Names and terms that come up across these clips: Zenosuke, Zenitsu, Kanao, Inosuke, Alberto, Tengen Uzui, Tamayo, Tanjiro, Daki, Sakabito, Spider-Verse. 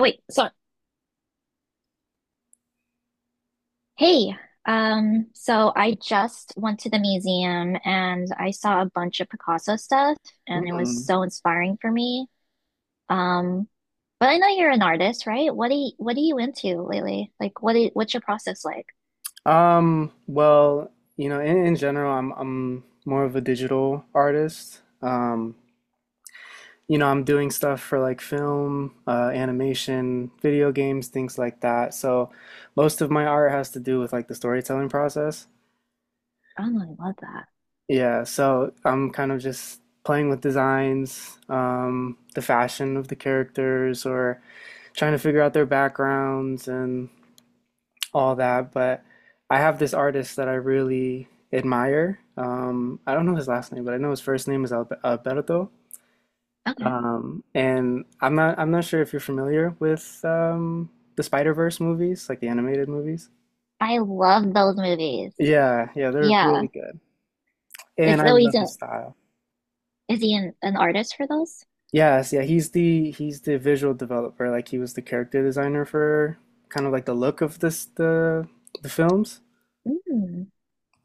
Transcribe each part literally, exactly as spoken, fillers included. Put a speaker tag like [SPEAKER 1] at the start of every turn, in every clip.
[SPEAKER 1] Wait, so hey, um, so I just went to the museum and I saw a bunch of Picasso stuff, and it was
[SPEAKER 2] Hmm.
[SPEAKER 1] so inspiring for me. Um, but I know you're an artist, right? What do you, what are you into lately? Like what is, what's your process like?
[SPEAKER 2] Um, well, you know, in, in general, I'm I'm more of a digital artist. Um, you know, I'm doing stuff for like film, uh, animation, video games, things like that. So most of my art has to do with like the storytelling process.
[SPEAKER 1] Oh, I love that.
[SPEAKER 2] Yeah, so I'm kind of just playing with designs, um, the fashion of the characters, or trying to figure out their backgrounds and all that, but I have this artist that I really admire. Um, I don't know his last name, but I know his first name is Albe- Alberto.
[SPEAKER 1] Okay.
[SPEAKER 2] Um, and I'm not I'm not sure if you're familiar with um, the Spider-Verse movies, like the animated movies.
[SPEAKER 1] I love those movies.
[SPEAKER 2] Yeah, yeah, they're
[SPEAKER 1] Yeah.
[SPEAKER 2] really good. And
[SPEAKER 1] Is
[SPEAKER 2] I
[SPEAKER 1] oh, he's
[SPEAKER 2] love
[SPEAKER 1] a,
[SPEAKER 2] his style.
[SPEAKER 1] is he an, an artist for those?
[SPEAKER 2] Yes, yeah, he's the he's the visual developer. Like he was the character designer for kind of like the look of this the the films.
[SPEAKER 1] Mm.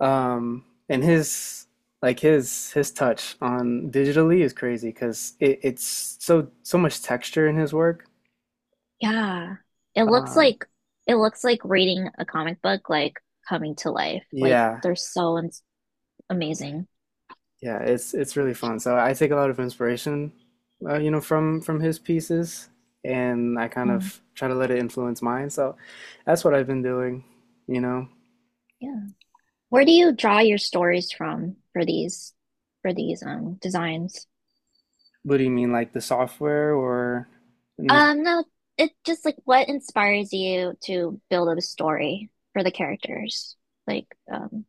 [SPEAKER 2] Um, and his like his his touch on digitally is crazy because it, it's so so much texture in his work.
[SPEAKER 1] Yeah. It looks
[SPEAKER 2] Um,
[SPEAKER 1] like it looks like reading a comic book like coming to life. Like
[SPEAKER 2] yeah,
[SPEAKER 1] they're so ins amazing.
[SPEAKER 2] yeah, it's it's really fun. So I take a lot of inspiration, uh, you know, from from his pieces, and I kind
[SPEAKER 1] Mm,
[SPEAKER 2] of try to let it influence mine. So that's what I've been doing, you know.
[SPEAKER 1] yeah. Where do you draw your stories from for these for these um designs?
[SPEAKER 2] What do you mean, like the software or? in the-
[SPEAKER 1] Um, no, it just like, what inspires you to build up a story for the characters? Like, um,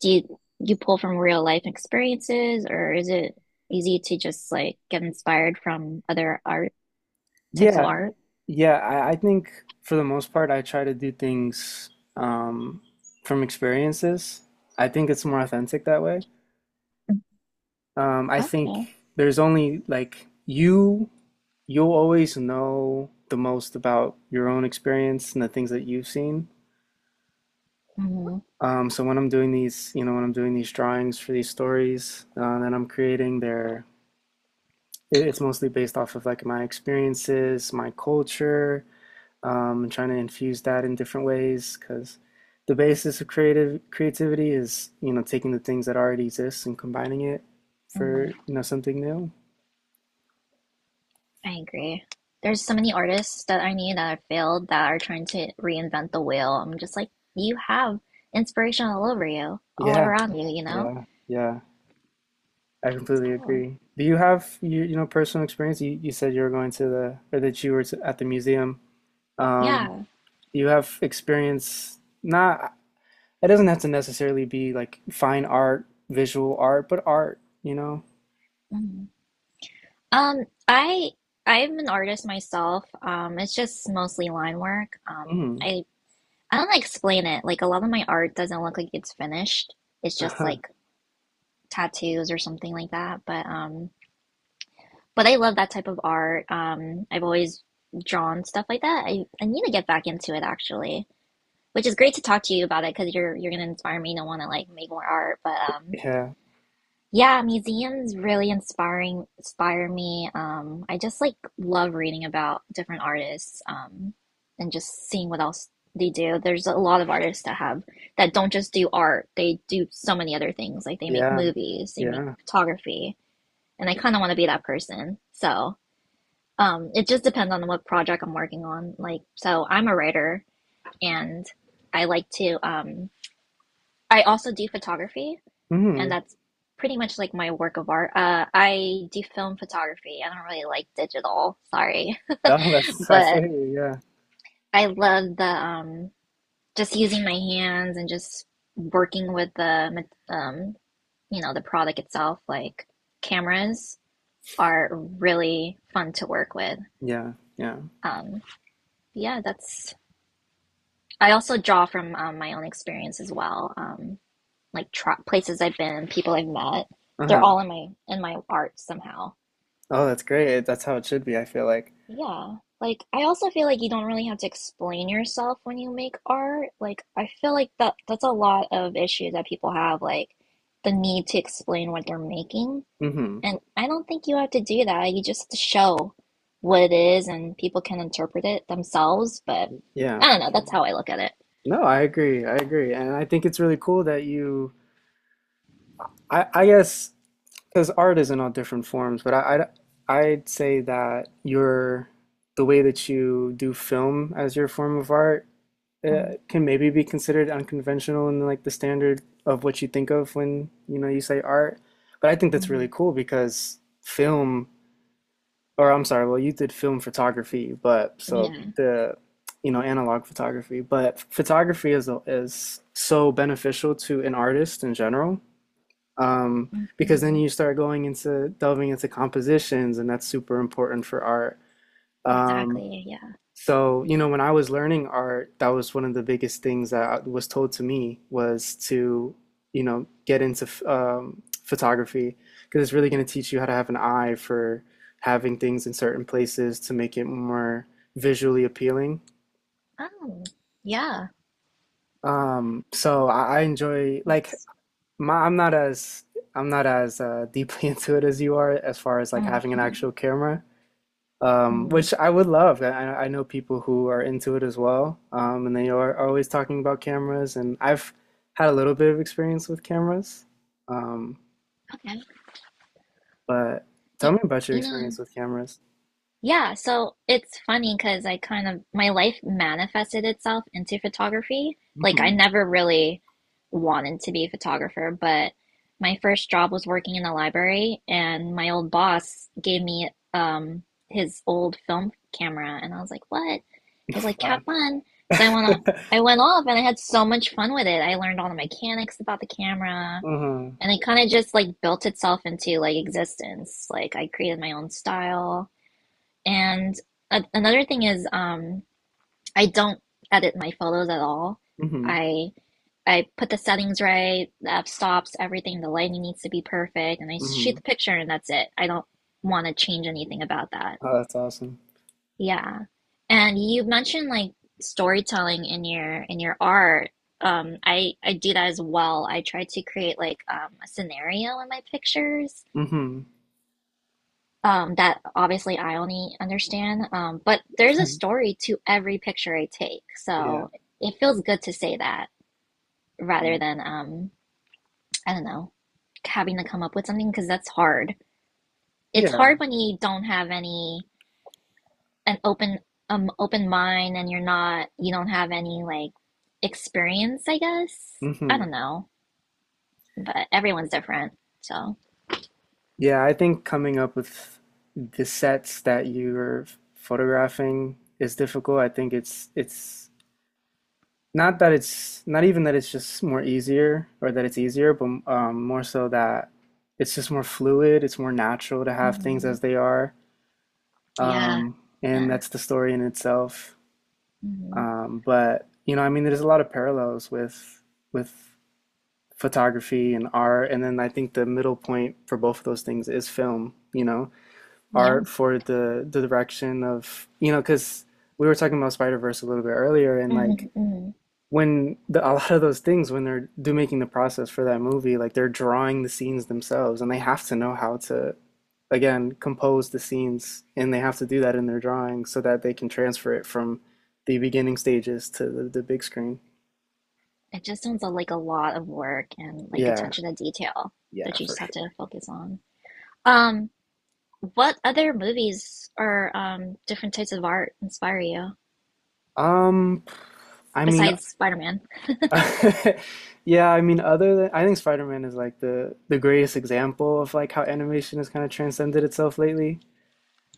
[SPEAKER 1] do you you pull from real life experiences, or is it easy to just like get inspired from other art types of
[SPEAKER 2] Yeah,
[SPEAKER 1] art?
[SPEAKER 2] Yeah, I, I think for the most part, I try to do things um, from experiences. I think it's more authentic that way. Um, I think
[SPEAKER 1] Okay.
[SPEAKER 2] there's only like you, you'll always know the most about your own experience and the things that you've seen.
[SPEAKER 1] Mhm.
[SPEAKER 2] Um, so when I'm doing these, you know, when I'm doing these drawings for these stories uh, that I'm creating, they're it- it's mostly based off of like my experiences, my culture, um, and trying to infuse that in different ways because the basis of creative creativity is you know taking the things that already exist and combining it
[SPEAKER 1] Mhm.
[SPEAKER 2] for you know something new.
[SPEAKER 1] I agree. There's so many artists that I knew that have failed that are trying to reinvent the wheel. I'm just like, you have inspiration all over you, all
[SPEAKER 2] Yeah,
[SPEAKER 1] around you, you know?
[SPEAKER 2] yeah, yeah. I
[SPEAKER 1] It's
[SPEAKER 2] completely
[SPEAKER 1] cool.
[SPEAKER 2] agree. Do you have you you know personal experience? You you said you were going to the or that you were to, at the museum. Um,
[SPEAKER 1] Yeah.
[SPEAKER 2] do you have experience? Not. It doesn't have to necessarily be like fine art, visual art, but art. You know.
[SPEAKER 1] Mhm. Um, I I'm an artist myself. Um, it's just mostly line work. Um,
[SPEAKER 2] Mm.
[SPEAKER 1] I I don't know how to explain it. Like, a lot of my art doesn't look like it's finished. It's just like tattoos or something like that. But um But I love that type of art. Um, I've always drawn stuff like that. I, I need to get back into it actually, which is great to talk to you about it because you're you're gonna inspire me to want to like make more art. But um,
[SPEAKER 2] Yeah.
[SPEAKER 1] Yeah, museums really inspiring inspire me. Um, I just like love reading about different artists, um, and just seeing what else they do. There's a lot of artists that have that don't just do art. They do so many other things. Like, they make
[SPEAKER 2] Yeah.
[SPEAKER 1] movies, they make
[SPEAKER 2] Yeah.
[SPEAKER 1] photography, and I kind of want to be that person. So. Um, it just depends on what project I'm working on. Like, so I'm a writer, and I like to, um, I also do photography, and
[SPEAKER 2] Mhm.
[SPEAKER 1] that's pretty much like my work of art. Uh, I do film photography. I don't really like digital, sorry,
[SPEAKER 2] Oh, that's I
[SPEAKER 1] but
[SPEAKER 2] feel you. Yeah.
[SPEAKER 1] I love the, um, just using my hands and just working with the, um, you know, the product itself. Like, cameras are really fun to work with.
[SPEAKER 2] Yeah. Yeah.
[SPEAKER 1] Um, yeah, that's I also draw from, um, my own experience as well. Um, like, tra- places I've been, people I've met, they're
[SPEAKER 2] Uh-huh.
[SPEAKER 1] all in my in my art somehow.
[SPEAKER 2] Oh, that's great. That's how it should be, I feel like.
[SPEAKER 1] Yeah. Like, I also feel like you don't really have to explain yourself when you make art. Like, I feel like that that's a lot of issues that people have, like the need to explain what they're making.
[SPEAKER 2] Hmm.
[SPEAKER 1] And I don't think you have to do that. You just have to show what it is and people can interpret it themselves, but
[SPEAKER 2] Yeah,
[SPEAKER 1] I don't
[SPEAKER 2] for
[SPEAKER 1] know,
[SPEAKER 2] sure.
[SPEAKER 1] that's how I look at it.
[SPEAKER 2] No, I agree. I agree. And I think it's really cool that you I I guess because art is in all different forms, but I I I'd say that your the way that you do film as your form of art
[SPEAKER 1] Mm-hmm.
[SPEAKER 2] uh, can maybe be considered unconventional in like the standard of what you think of when, you know, you say art. But I think that's really
[SPEAKER 1] Mm-hmm.
[SPEAKER 2] cool because film or I'm sorry, well, you did film photography, but so
[SPEAKER 1] Yeah.
[SPEAKER 2] the, you know, analog photography, but photography is is so beneficial to an artist in general, um, because then
[SPEAKER 1] Mm-hmm.
[SPEAKER 2] you start going into delving into compositions, and that's super important for art. Um,
[SPEAKER 1] Exactly. Yeah.
[SPEAKER 2] so, you know, when I was learning art, that was one of the biggest things that was told to me was to, you know, get into f- um, photography because it's really going to teach you how to have an eye for having things in certain places to make it more visually appealing.
[SPEAKER 1] Oh, yeah.
[SPEAKER 2] Um, so I, I enjoy like
[SPEAKER 1] Thanks.
[SPEAKER 2] my, I'm not as I'm not as uh, deeply into it as you are as far as like
[SPEAKER 1] Mm.
[SPEAKER 2] having an actual camera. Um,
[SPEAKER 1] Mm.
[SPEAKER 2] which I would love. I, I know people who are into it as well, um, and they are, are always talking about cameras. And I've had a little bit of experience with cameras, um,
[SPEAKER 1] Okay.
[SPEAKER 2] but
[SPEAKER 1] Y
[SPEAKER 2] tell me about your
[SPEAKER 1] you know,
[SPEAKER 2] experience with cameras.
[SPEAKER 1] Yeah, so it's funny because I kind of, my life manifested itself into photography. Like, I
[SPEAKER 2] Hmm.
[SPEAKER 1] never really wanted to be a photographer, but my first job was working in a library, and my old boss gave me, um his old film camera, and I was like, "What?" He's like,
[SPEAKER 2] Wow.
[SPEAKER 1] "Have fun." So I went on, I went off, and I had so much fun with it. I learned all the mechanics about the camera,
[SPEAKER 2] hmm.
[SPEAKER 1] and it kind of just like built itself into like existence. Like, I created my own style. And a another thing is, um, I don't edit my photos at all.
[SPEAKER 2] Hmm.
[SPEAKER 1] I I put the settings right, the f stops, everything. The lighting needs to be perfect, and I shoot
[SPEAKER 2] Hmm.
[SPEAKER 1] the picture, and that's it. I don't want to change anything about that.
[SPEAKER 2] Oh, that's awesome.
[SPEAKER 1] Yeah. And you mentioned like storytelling in your in your art. Um, I I do that as well. I try to create like, um, a scenario in my pictures,
[SPEAKER 2] Hmm.
[SPEAKER 1] um, that obviously I only understand. Um, but there's a story to every picture I take,
[SPEAKER 2] Yeah.
[SPEAKER 1] so it feels good to say that rather
[SPEAKER 2] Yeah.
[SPEAKER 1] than, um, I don't know having to come up with something because that's hard. It's
[SPEAKER 2] Yeah.
[SPEAKER 1] hard when you don't have any an open um open mind, and you're not you don't have any like experience. I guess I don't
[SPEAKER 2] Hmm.
[SPEAKER 1] know, but everyone's different. So
[SPEAKER 2] Yeah, I think coming up with the sets that you're photographing is difficult. I think it's it's not that it's not even that it's just more easier or that it's easier, but um, more so that it's just more fluid, it's more natural to have things
[SPEAKER 1] mhm,
[SPEAKER 2] as they are.
[SPEAKER 1] yeah,
[SPEAKER 2] Um, and
[SPEAKER 1] yeah,
[SPEAKER 2] that's the story in itself.
[SPEAKER 1] mhm,
[SPEAKER 2] Um, but you know, I mean, there's a lot of parallels with with photography and art, and then I think the middle point for both of those things is film, you know,
[SPEAKER 1] yeah.
[SPEAKER 2] art for the the direction of, you know, because we were talking about Spider-Verse a little bit earlier, and like
[SPEAKER 1] Hmm.
[SPEAKER 2] when the, a lot of those things when they're do making the process for that movie like they're drawing the scenes themselves and they have to know how to again compose the scenes and they have to do that in their drawing so that they can transfer it from the beginning stages to the, the big screen.
[SPEAKER 1] It just sounds like a lot of work and like
[SPEAKER 2] Yeah,
[SPEAKER 1] attention to detail that
[SPEAKER 2] yeah,
[SPEAKER 1] you
[SPEAKER 2] for
[SPEAKER 1] just have
[SPEAKER 2] sure.
[SPEAKER 1] to focus on. Um, what other movies or, um, different types of art inspire you
[SPEAKER 2] um i mean
[SPEAKER 1] besides Spider-Man?
[SPEAKER 2] yeah, I mean, other than I think Spider-Man is like the the greatest example of like how animation has kind of transcended itself lately.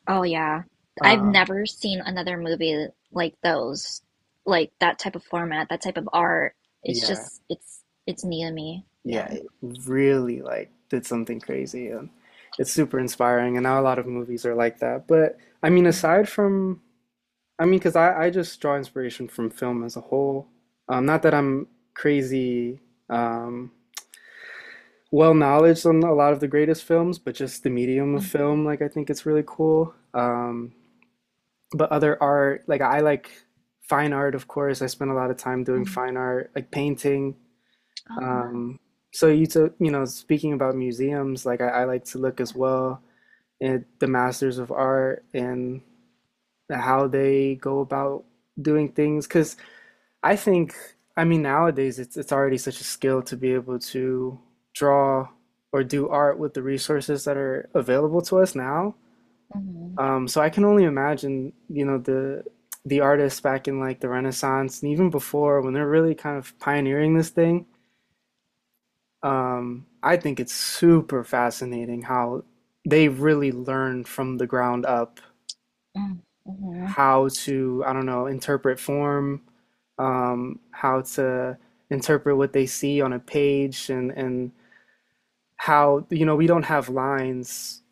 [SPEAKER 1] Oh yeah. I've
[SPEAKER 2] um
[SPEAKER 1] never seen another movie like those, like that type of format, that type of art. It's
[SPEAKER 2] yeah,
[SPEAKER 1] just, it's it's new to me.
[SPEAKER 2] yeah,
[SPEAKER 1] Yeah.
[SPEAKER 2] it really like did something crazy and it's super inspiring and now a lot of movies are like that. But I mean
[SPEAKER 1] Mm,
[SPEAKER 2] aside from I mean, because I I just draw inspiration from film as a whole. Um not that I'm crazy um well knowledge on a lot of the greatest films, but just the medium of
[SPEAKER 1] mm,
[SPEAKER 2] film like I think it's really cool. Um but other art like I like fine art of course. I spend a lot of time doing
[SPEAKER 1] mm.
[SPEAKER 2] fine art like painting.
[SPEAKER 1] Oh wow.
[SPEAKER 2] Um, so you took, you know, speaking about museums, like I, I like to look as
[SPEAKER 1] Yeah.
[SPEAKER 2] well at the masters of art and how they go about doing things. Because I think, I mean, nowadays it's it's already such a skill to be able to draw or do art with the resources that are available to us now.
[SPEAKER 1] Mm,
[SPEAKER 2] Um, so I can only imagine, you know, the the artists back in like the Renaissance and even before when they're really kind of pioneering this thing. Um, I think it's super fascinating how they really learned from the ground up
[SPEAKER 1] mm, mm,
[SPEAKER 2] how to, I don't know, interpret form, um, how to interpret what they see on a page and and how, you know, we don't have lines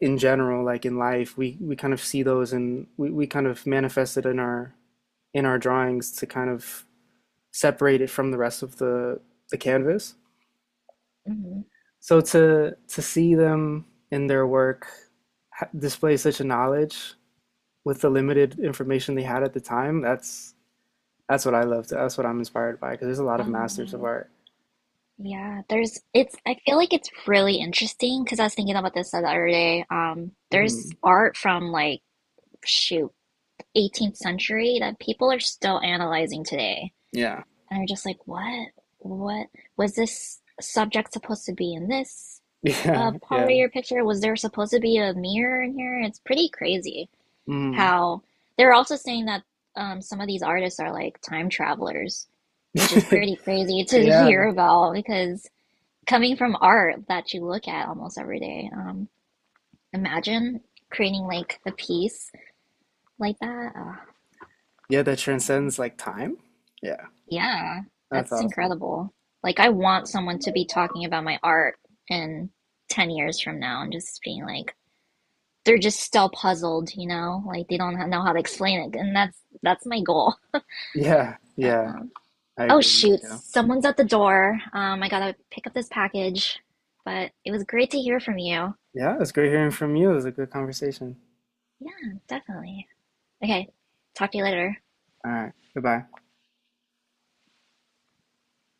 [SPEAKER 2] in general, like in life. We we kind of see those and we, we kind of manifest it in our in our drawings to kind of separate it from the rest of the the canvas.
[SPEAKER 1] mm.
[SPEAKER 2] So to to see them in their work display such a knowledge with the limited information they had at the time, that's that's what I love. To, that's what I'm inspired by because there's a lot of
[SPEAKER 1] Oh
[SPEAKER 2] masters of
[SPEAKER 1] wow.
[SPEAKER 2] art.
[SPEAKER 1] Yeah, there's, it's I feel like it's really interesting because I was thinking about this the other day. Um, there's
[SPEAKER 2] Mhm.
[SPEAKER 1] art from like, shoot, eighteenth century that people are still analyzing today.
[SPEAKER 2] Yeah.
[SPEAKER 1] And they're just like, what? What was this subject supposed to be in this uh
[SPEAKER 2] Yeah.
[SPEAKER 1] part of
[SPEAKER 2] Yeah.
[SPEAKER 1] your picture? Was there supposed to be a mirror in here? It's pretty crazy
[SPEAKER 2] Mm.
[SPEAKER 1] how they're also saying that, um, some of these artists are like time travelers, which is pretty crazy to
[SPEAKER 2] Yeah.
[SPEAKER 1] hear about because coming from art that you look at almost every day. Um, imagine creating like a piece like that. Uh,
[SPEAKER 2] Yeah, that transcends like time. Yeah.
[SPEAKER 1] yeah,
[SPEAKER 2] That's
[SPEAKER 1] that's
[SPEAKER 2] awesome.
[SPEAKER 1] incredible. Like, I want someone to be talking about my art in ten years from now and just being like, they're just still puzzled, you know? Like, they don't know how to explain it. And that's that's my goal.
[SPEAKER 2] Yeah.
[SPEAKER 1] But,
[SPEAKER 2] Yeah.
[SPEAKER 1] um,
[SPEAKER 2] I
[SPEAKER 1] oh,
[SPEAKER 2] agree.
[SPEAKER 1] shoot,
[SPEAKER 2] Yeah.
[SPEAKER 1] someone's at the door. Um, I gotta pick up this package. But it was great to hear from you.
[SPEAKER 2] Yeah, it's great hearing from you. It was a good conversation.
[SPEAKER 1] Yeah, definitely. Okay, talk to you later.
[SPEAKER 2] All right. Goodbye.